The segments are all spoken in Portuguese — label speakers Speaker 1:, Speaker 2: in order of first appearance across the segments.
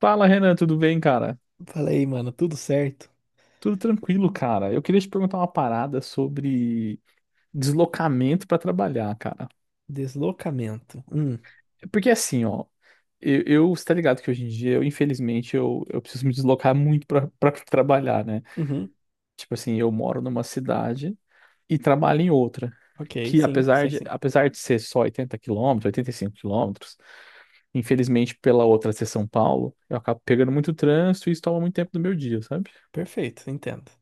Speaker 1: Fala, Renan, tudo bem, cara?
Speaker 2: Falei, mano, tudo certo?
Speaker 1: Tudo tranquilo, cara. Eu queria te perguntar uma parada sobre deslocamento pra trabalhar, cara.
Speaker 2: Deslocamento.
Speaker 1: Porque assim, ó, eu você tá ligado que hoje em dia, infelizmente, eu preciso me deslocar muito pra trabalhar, né?
Speaker 2: Uhum,
Speaker 1: Tipo assim, eu moro numa cidade e trabalho em outra.
Speaker 2: ok,
Speaker 1: Que
Speaker 2: sim,
Speaker 1: apesar
Speaker 2: sei
Speaker 1: de,
Speaker 2: sim.
Speaker 1: apesar de ser só 80 quilômetros, 85 quilômetros, infelizmente, pela outra ser São Paulo, eu acabo pegando muito trânsito e isso toma muito tempo do meu dia, sabe?
Speaker 2: Perfeito, entendo.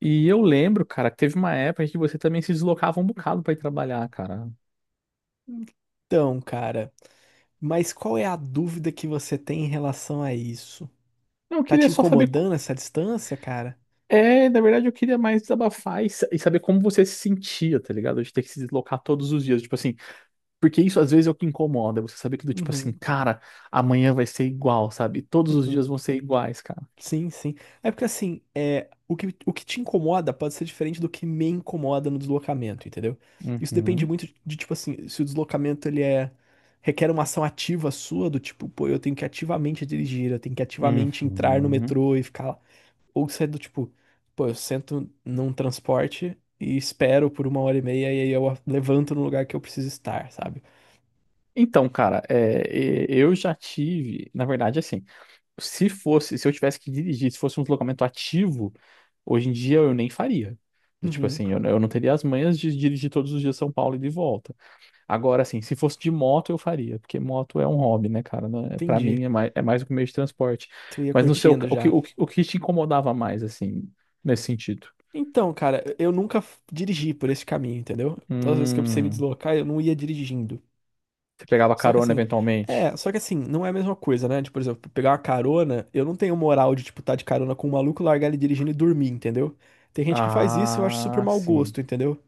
Speaker 1: E eu lembro, cara, que teve uma época que você também se deslocava um bocado pra ir trabalhar, cara.
Speaker 2: Então, cara, mas qual é a dúvida que você tem em relação a isso?
Speaker 1: Não, eu
Speaker 2: Tá
Speaker 1: queria
Speaker 2: te
Speaker 1: só saber.
Speaker 2: incomodando essa distância, cara?
Speaker 1: É, na verdade, eu queria mais desabafar e saber como você se sentia, tá ligado? De ter que se deslocar todos os dias, tipo assim. Porque isso às vezes é o que incomoda, você saber que do tipo assim,
Speaker 2: Uhum,
Speaker 1: cara, amanhã vai ser igual, sabe? Todos os
Speaker 2: uhum.
Speaker 1: dias vão ser iguais, cara.
Speaker 2: Sim, sim. É porque assim, o que te incomoda pode ser diferente do que me incomoda no deslocamento, entendeu? Isso depende
Speaker 1: Uhum,
Speaker 2: muito de, tipo assim, se o deslocamento requer uma ação ativa sua, do tipo, pô, eu tenho que ativamente dirigir, eu tenho que ativamente entrar no
Speaker 1: uhum.
Speaker 2: metrô e ficar lá. Ou se é do tipo, pô, eu sento num transporte e espero por uma hora e meia e aí eu levanto no lugar que eu preciso estar, sabe?
Speaker 1: Então, cara, eu já tive, na verdade, assim. Se eu tivesse que dirigir, se fosse um deslocamento ativo, hoje em dia eu nem faria. Do tipo
Speaker 2: Uhum,
Speaker 1: assim, eu não teria as manhas de dirigir todos os dias São Paulo e de volta. Agora, assim, se fosse de moto, eu faria, porque moto é um hobby, né, cara? Né? Para
Speaker 2: entendi.
Speaker 1: mim é mais, do que um meio de transporte.
Speaker 2: Tu ia
Speaker 1: Mas no seu,
Speaker 2: curtindo
Speaker 1: o que,
Speaker 2: já.
Speaker 1: o que, o que te incomodava mais, assim, nesse sentido?
Speaker 2: Então, cara, eu nunca dirigi por esse caminho, entendeu? Todas as vezes que eu precisei me
Speaker 1: Hum,
Speaker 2: deslocar, eu não ia dirigindo.
Speaker 1: você pegava
Speaker 2: Só que
Speaker 1: carona
Speaker 2: assim,
Speaker 1: eventualmente?
Speaker 2: só que assim, não é a mesma coisa, né? Tipo, por exemplo, pegar uma carona, eu não tenho moral de, tipo, tá de carona com um maluco, largar ele dirigindo e dormir, entendeu? Tem gente que faz isso e eu acho super
Speaker 1: Ah,
Speaker 2: mau
Speaker 1: sim.
Speaker 2: gosto, entendeu?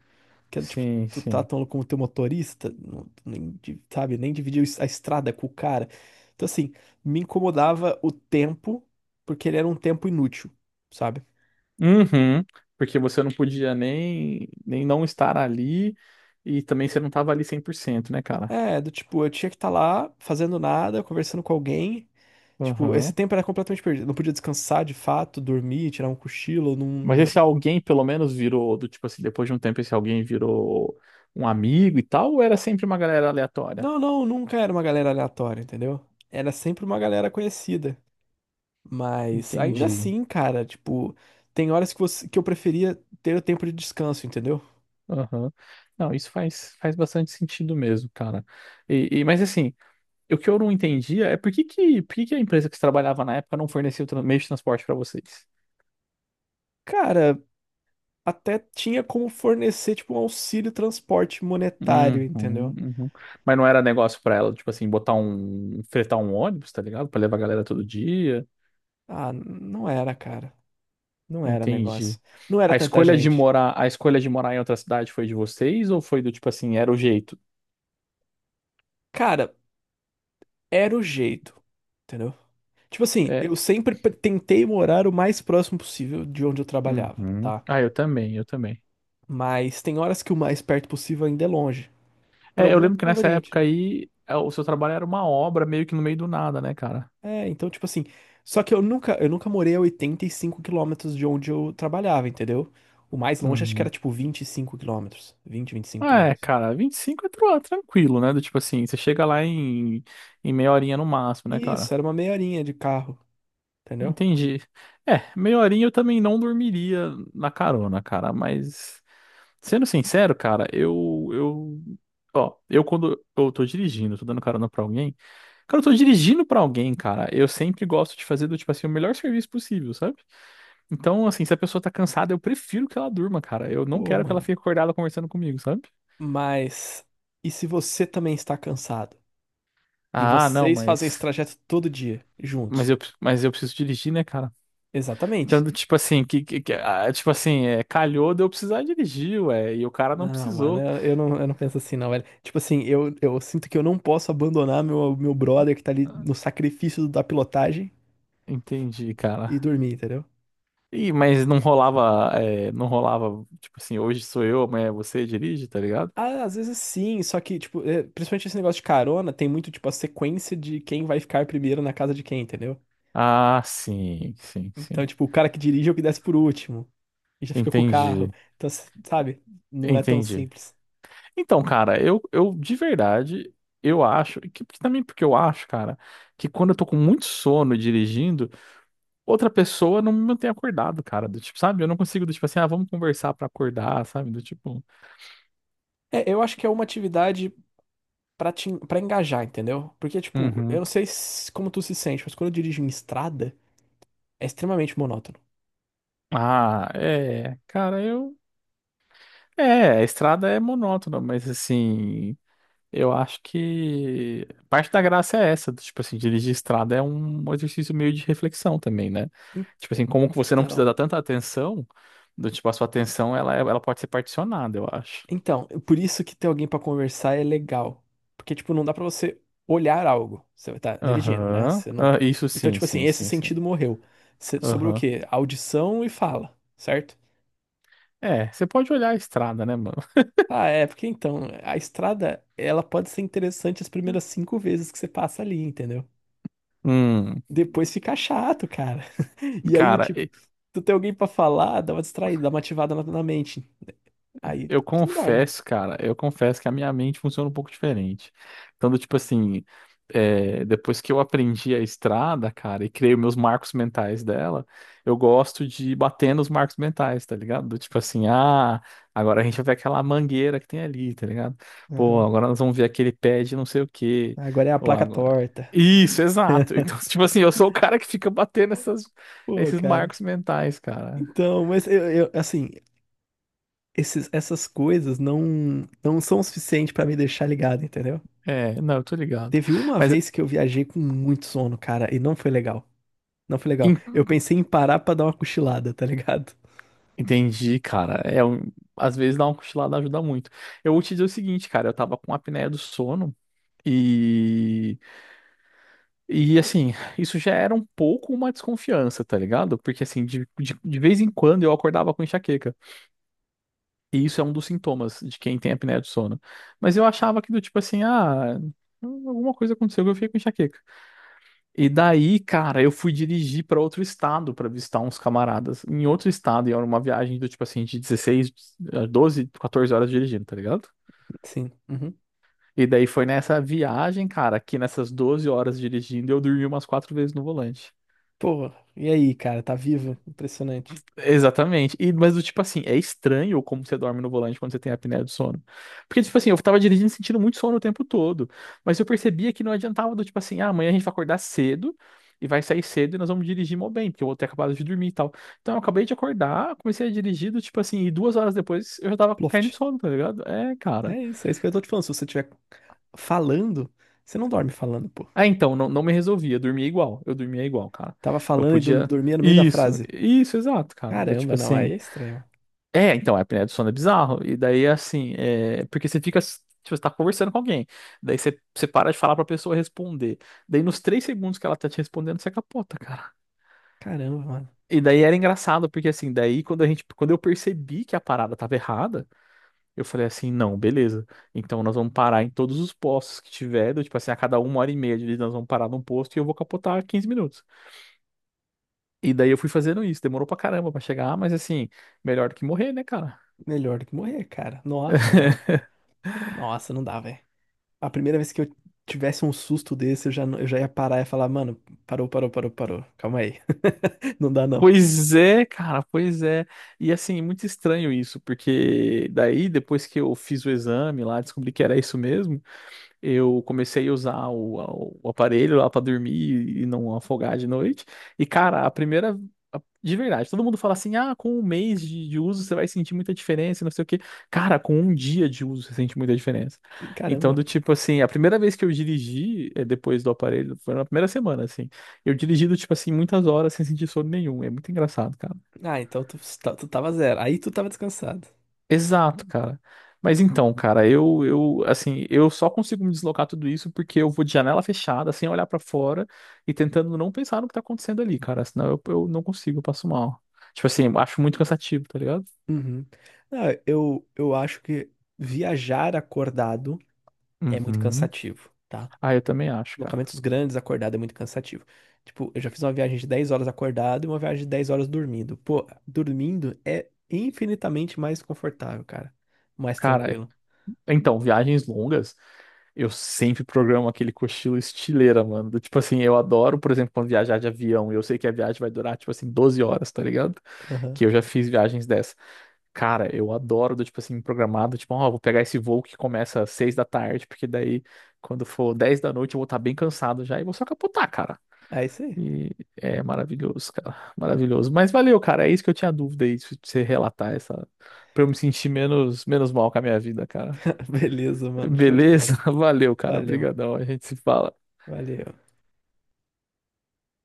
Speaker 2: Que é do tipo,
Speaker 1: Sim,
Speaker 2: tu tá
Speaker 1: sim.
Speaker 2: tão como teu motorista, não- nem, di- sabe, nem dividiu a estrada com o cara. Então, assim, me incomodava o tempo, porque ele era um tempo inútil, sabe?
Speaker 1: Uhum, porque você não podia nem não estar ali e também você não tava ali 100%, né, cara?
Speaker 2: É, do tipo, eu tinha que estar lá fazendo nada, conversando com alguém. Tipo, esse
Speaker 1: Uhum.
Speaker 2: tempo era completamente perdido. Não podia descansar de fato, dormir, tirar um cochilo.
Speaker 1: Mas
Speaker 2: Não,
Speaker 1: esse alguém pelo menos virou, do tipo assim, depois de um tempo esse alguém virou um amigo e tal, ou era sempre uma galera aleatória?
Speaker 2: não, não, nunca era uma galera aleatória, entendeu? Era sempre uma galera conhecida. Mas ainda
Speaker 1: Entendi.
Speaker 2: assim, cara, tipo, tem horas que, você, que eu preferia ter o tempo de descanso, entendeu?
Speaker 1: Aham. Não, isso faz bastante sentido mesmo, cara. Mas assim, o que eu não entendia é por que que a empresa que você trabalhava na época não fornecia o meio de transporte pra vocês?
Speaker 2: Cara, até tinha como fornecer, tipo, um auxílio transporte
Speaker 1: Uhum,
Speaker 2: monetário, entendeu?
Speaker 1: uhum. Mas não era negócio pra ela, tipo assim, botar um, fretar um ônibus, tá ligado? Pra levar a galera todo dia.
Speaker 2: Ah, não era, cara. Não era negócio.
Speaker 1: Entendi.
Speaker 2: Não era
Speaker 1: A
Speaker 2: tanta
Speaker 1: escolha de
Speaker 2: gente.
Speaker 1: morar, a escolha de morar em outra cidade foi de vocês ou foi do tipo assim, era o jeito?
Speaker 2: Cara, era o jeito, entendeu? Tipo assim, eu
Speaker 1: É.
Speaker 2: sempre pre- tentei morar o mais próximo possível de onde eu trabalhava,
Speaker 1: Uhum.
Speaker 2: tá?
Speaker 1: Ah, eu também, eu também.
Speaker 2: Mas tem horas que o mais perto possível ainda é longe, por
Speaker 1: É, eu
Speaker 2: algum
Speaker 1: lembro que nessa
Speaker 2: conveniente,
Speaker 1: época
Speaker 2: né?
Speaker 1: aí, o seu trabalho era uma obra meio que no meio do nada, né, cara?
Speaker 2: É, então tipo assim, só que eu nunca morei a 85 km de onde eu trabalhava, entendeu? O mais longe acho que era
Speaker 1: Uhum.
Speaker 2: tipo 25 km, vinte e cinco
Speaker 1: É,
Speaker 2: quilômetros.
Speaker 1: cara, 25 é tranquilo, né? Do tipo assim, você chega lá em meia horinha no máximo, né, cara?
Speaker 2: Isso, era uma meia horinha de carro, entendeu?
Speaker 1: Entendi. É, meia horinha eu também não dormiria na carona, cara, mas sendo sincero, cara, eu ó, eu quando eu tô dirigindo, tô dando carona pra alguém, cara, eu tô dirigindo pra alguém, cara, eu sempre gosto de fazer do tipo assim o melhor serviço possível, sabe? Então, assim, se a pessoa tá cansada, eu prefiro que ela durma, cara. Eu não
Speaker 2: Pô,
Speaker 1: quero que ela
Speaker 2: mano.
Speaker 1: fique acordada conversando comigo, sabe?
Speaker 2: Mas e se você também está cansado? E
Speaker 1: Ah, não,
Speaker 2: vocês fazem esse
Speaker 1: mas
Speaker 2: trajeto todo dia,
Speaker 1: mas
Speaker 2: juntos.
Speaker 1: eu mas eu preciso dirigir, né, cara?
Speaker 2: Exatamente.
Speaker 1: Dando tipo assim, ah, tipo assim, calhou de eu precisar dirigir, ué, e o cara não
Speaker 2: Não, mano,
Speaker 1: precisou.
Speaker 2: eu não penso assim, não, velho. Tipo assim, eu sinto que eu não posso abandonar meu brother que tá ali
Speaker 1: Ah,
Speaker 2: no sacrifício da pilotagem
Speaker 1: entendi,
Speaker 2: e
Speaker 1: cara.
Speaker 2: dormir, entendeu?
Speaker 1: Ih, mas não rolava, não rolava, tipo assim, hoje sou eu, amanhã é você dirige, tá ligado?
Speaker 2: Ah, às vezes sim, só que, tipo, é, principalmente esse negócio de carona, tem muito, tipo, a sequência de quem vai ficar primeiro na casa de quem, entendeu?
Speaker 1: Ah, sim, sim,
Speaker 2: Então,
Speaker 1: sim.
Speaker 2: tipo, o cara que dirige é o que desce por último e já fica com o
Speaker 1: Entendi,
Speaker 2: carro. Então, s- sabe? Não é tão
Speaker 1: entendi.
Speaker 2: simples.
Speaker 1: Então, cara, eu de verdade, eu acho, que também porque eu acho, cara, que quando eu tô com muito sono dirigindo, outra pessoa não me mantém acordado, cara. Do tipo, sabe? Eu não consigo, do tipo assim, ah, vamos conversar pra acordar, sabe? Do tipo.
Speaker 2: É, eu acho que é uma atividade pra, te, pra engajar, entendeu? Porque, tipo, eu
Speaker 1: Uhum.
Speaker 2: não sei se- como tu se sente, mas quando eu dirijo em estrada, é extremamente monótono.
Speaker 1: Ah, é. Cara, eu. É, a estrada é monótona, mas assim, eu acho que parte da graça é essa, do, tipo assim, dirigir estrada é um exercício meio de reflexão também, né? Tipo assim, como que você não precisa
Speaker 2: Então,
Speaker 1: dar tanta atenção, do tipo, a sua atenção, ela, ela pode ser particionada, eu acho.
Speaker 2: então, por isso que ter alguém pra conversar é legal. Porque, tipo, não dá pra você olhar algo. Você tá dirigindo, né?
Speaker 1: Aham.
Speaker 2: Você não...
Speaker 1: Ah, isso
Speaker 2: Então,
Speaker 1: sim,
Speaker 2: tipo assim,
Speaker 1: sim,
Speaker 2: esse
Speaker 1: sim, sim.
Speaker 2: sentido morreu. Você- sobre o
Speaker 1: Aham.
Speaker 2: quê? Audição e fala, certo?
Speaker 1: É, você pode olhar a estrada, né, mano?
Speaker 2: Ah, é, porque então, a estrada, ela pode ser interessante as primeiras cinco vezes que você passa ali, entendeu?
Speaker 1: Hum,
Speaker 2: Depois fica chato, cara. E aí, do
Speaker 1: cara,
Speaker 2: tipo, tu tem alguém pra falar, dá uma distraída, dá uma ativada na mente. Aí,
Speaker 1: eu
Speaker 2: tu não dorme.
Speaker 1: confesso, cara, eu confesso que a minha mente funciona um pouco diferente. Então, do tipo assim, depois que eu aprendi a estrada, cara, e criei os meus marcos mentais dela, eu gosto de bater nos marcos mentais, tá ligado? Do tipo assim, ah, agora a gente vai ver aquela mangueira que tem ali, tá ligado? Pô,
Speaker 2: Aham.
Speaker 1: agora nós vamos ver aquele pé de não sei o quê.
Speaker 2: Agora é a
Speaker 1: Ou
Speaker 2: placa
Speaker 1: agora...
Speaker 2: torta.
Speaker 1: Isso, exato. Então, tipo assim, eu sou o cara que fica batendo essas,
Speaker 2: Pô,
Speaker 1: esses
Speaker 2: cara.
Speaker 1: marcos mentais, cara.
Speaker 2: Então, mas eu- assim, esses, essas coisas não são o suficiente pra me deixar ligado, entendeu?
Speaker 1: É, não, eu tô ligado.
Speaker 2: Teve uma
Speaker 1: Mas.
Speaker 2: vez que eu viajei com muito sono, cara, e não foi legal. Não foi legal. Eu pensei em parar pra dar uma cochilada, tá ligado?
Speaker 1: Entendi, cara. É, às vezes dar uma cochilada ajuda muito. Eu vou te dizer o seguinte, cara, eu tava com apneia do sono e e assim, isso já era um pouco uma desconfiança, tá ligado? Porque assim, de vez em quando eu acordava com enxaqueca. E isso é um dos sintomas de quem tem apneia do sono. Mas eu achava que do tipo assim, ah, alguma coisa aconteceu que eu fiquei com enxaqueca. E daí, cara, eu fui dirigir para outro estado para visitar uns camaradas em outro estado, e era uma viagem do tipo assim de 16 12, 14 horas dirigindo, tá ligado?
Speaker 2: Sim. Uhum.
Speaker 1: E daí foi nessa viagem, cara, que nessas 12 horas dirigindo eu dormi umas quatro vezes no volante.
Speaker 2: Pô, e aí, cara, tá vivo? Impressionante.
Speaker 1: Exatamente. E, mas do tipo assim, é estranho como você dorme no volante quando você tem apneia do sono. Porque, tipo assim, eu tava dirigindo sentindo muito sono o tempo todo. Mas eu percebia que não adiantava do tipo assim, ah, amanhã a gente vai acordar cedo e vai sair cedo e nós vamos dirigir mó bem, porque eu vou ter acabado de dormir e tal. Então eu acabei de acordar, comecei a dirigir, do tipo assim, e 2 horas depois eu já tava caindo de
Speaker 2: Ploft.
Speaker 1: sono, tá ligado? É, cara.
Speaker 2: É isso que eu tô te falando. Se você estiver falando, você não dorme falando, pô.
Speaker 1: Ah, então, não, não me resolvia, eu dormia igual. Eu dormia igual, cara.
Speaker 2: Tava
Speaker 1: Eu
Speaker 2: falando e dorm-
Speaker 1: podia.
Speaker 2: dormia no meio da
Speaker 1: Isso,
Speaker 2: frase.
Speaker 1: isso, exato, cara. Do
Speaker 2: Caramba,
Speaker 1: tipo
Speaker 2: não, aí
Speaker 1: assim.
Speaker 2: é estranho. Mano.
Speaker 1: É, então, a apneia do sono é bizarro. E daí, assim, porque você fica, tipo, você tá conversando com alguém. Daí você para de falar pra pessoa responder. Daí, nos 3 segundos que ela tá te respondendo, você capota, cara.
Speaker 2: Caramba, mano.
Speaker 1: E daí era engraçado, porque assim, daí quando eu percebi que a parada tava errada, eu falei assim, não, beleza. Então nós vamos parar em todos os postos que tiver, do, tipo assim, a cada uma hora e meia de nós vamos parar num posto e eu vou capotar 15 minutos. E daí eu fui fazendo isso, demorou pra caramba pra chegar, mas assim, melhor do que morrer, né, cara?
Speaker 2: Melhor do que morrer, cara. Nossa, mano. Nossa, não dá, velho. A primeira vez que eu tivesse um susto desse, eu já, não- eu já ia parar e ia falar, mano, parou, parou, parou, parou. Calma aí. Não dá, não.
Speaker 1: Pois é, cara, pois é. E assim, muito estranho isso, porque daí depois que eu fiz o exame lá, descobri que era isso mesmo. Eu comecei a usar o aparelho lá pra dormir e não afogar de noite. E, cara, De verdade, todo mundo fala assim: ah, com um mês de uso você vai sentir muita diferença, e não sei o quê. Cara, com um dia de uso você sente muita diferença. Então,
Speaker 2: Caramba.
Speaker 1: do tipo assim, a primeira vez que eu dirigi depois do aparelho, foi na primeira semana, assim. Eu dirigi do tipo assim, muitas horas sem sentir sono nenhum. É muito engraçado, cara.
Speaker 2: Ah, então tu, tá- tu tava zero. Aí tu tava descansado.
Speaker 1: Exato, cara. Mas então, cara, assim, eu só consigo me deslocar tudo isso porque eu vou de janela fechada, sem olhar pra fora e tentando não pensar no que tá acontecendo ali, cara. Senão eu não consigo, eu passo mal. Tipo assim, eu acho muito cansativo, tá ligado?
Speaker 2: Uhum. Não, eu acho que viajar acordado é muito
Speaker 1: Uhum.
Speaker 2: cansativo. Tá?
Speaker 1: Ah, eu também acho, cara.
Speaker 2: Locamentos grandes, acordado é muito cansativo. Tipo, eu já fiz uma viagem de 10 horas acordado e uma viagem de 10 horas dormindo. Pô, dormindo é infinitamente mais confortável, cara. Mais
Speaker 1: Cara,
Speaker 2: tranquilo.
Speaker 1: então, viagens longas, eu sempre programo aquele cochilo estileira, mano. Do tipo assim, eu adoro, por exemplo, quando viajar de avião, e eu sei que a viagem vai durar, tipo assim, 12 horas, tá ligado?
Speaker 2: Aham.
Speaker 1: Que eu já fiz viagens dessas. Cara, eu adoro do tipo assim, programado, tipo, ó, vou pegar esse voo que começa às seis da tarde, porque daí, quando for dez da noite, eu vou estar bem cansado já e vou só capotar, cara.
Speaker 2: É isso aí.
Speaker 1: E é maravilhoso, cara. Maravilhoso. Mas valeu, cara. É isso que eu tinha dúvida aí, se você relatar essa, pra eu me sentir menos, menos mal com a minha vida, cara.
Speaker 2: Beleza, mano. Show de
Speaker 1: Beleza?
Speaker 2: bola.
Speaker 1: Valeu, cara.
Speaker 2: Valeu, mano.
Speaker 1: Obrigadão. A gente se fala.
Speaker 2: Valeu.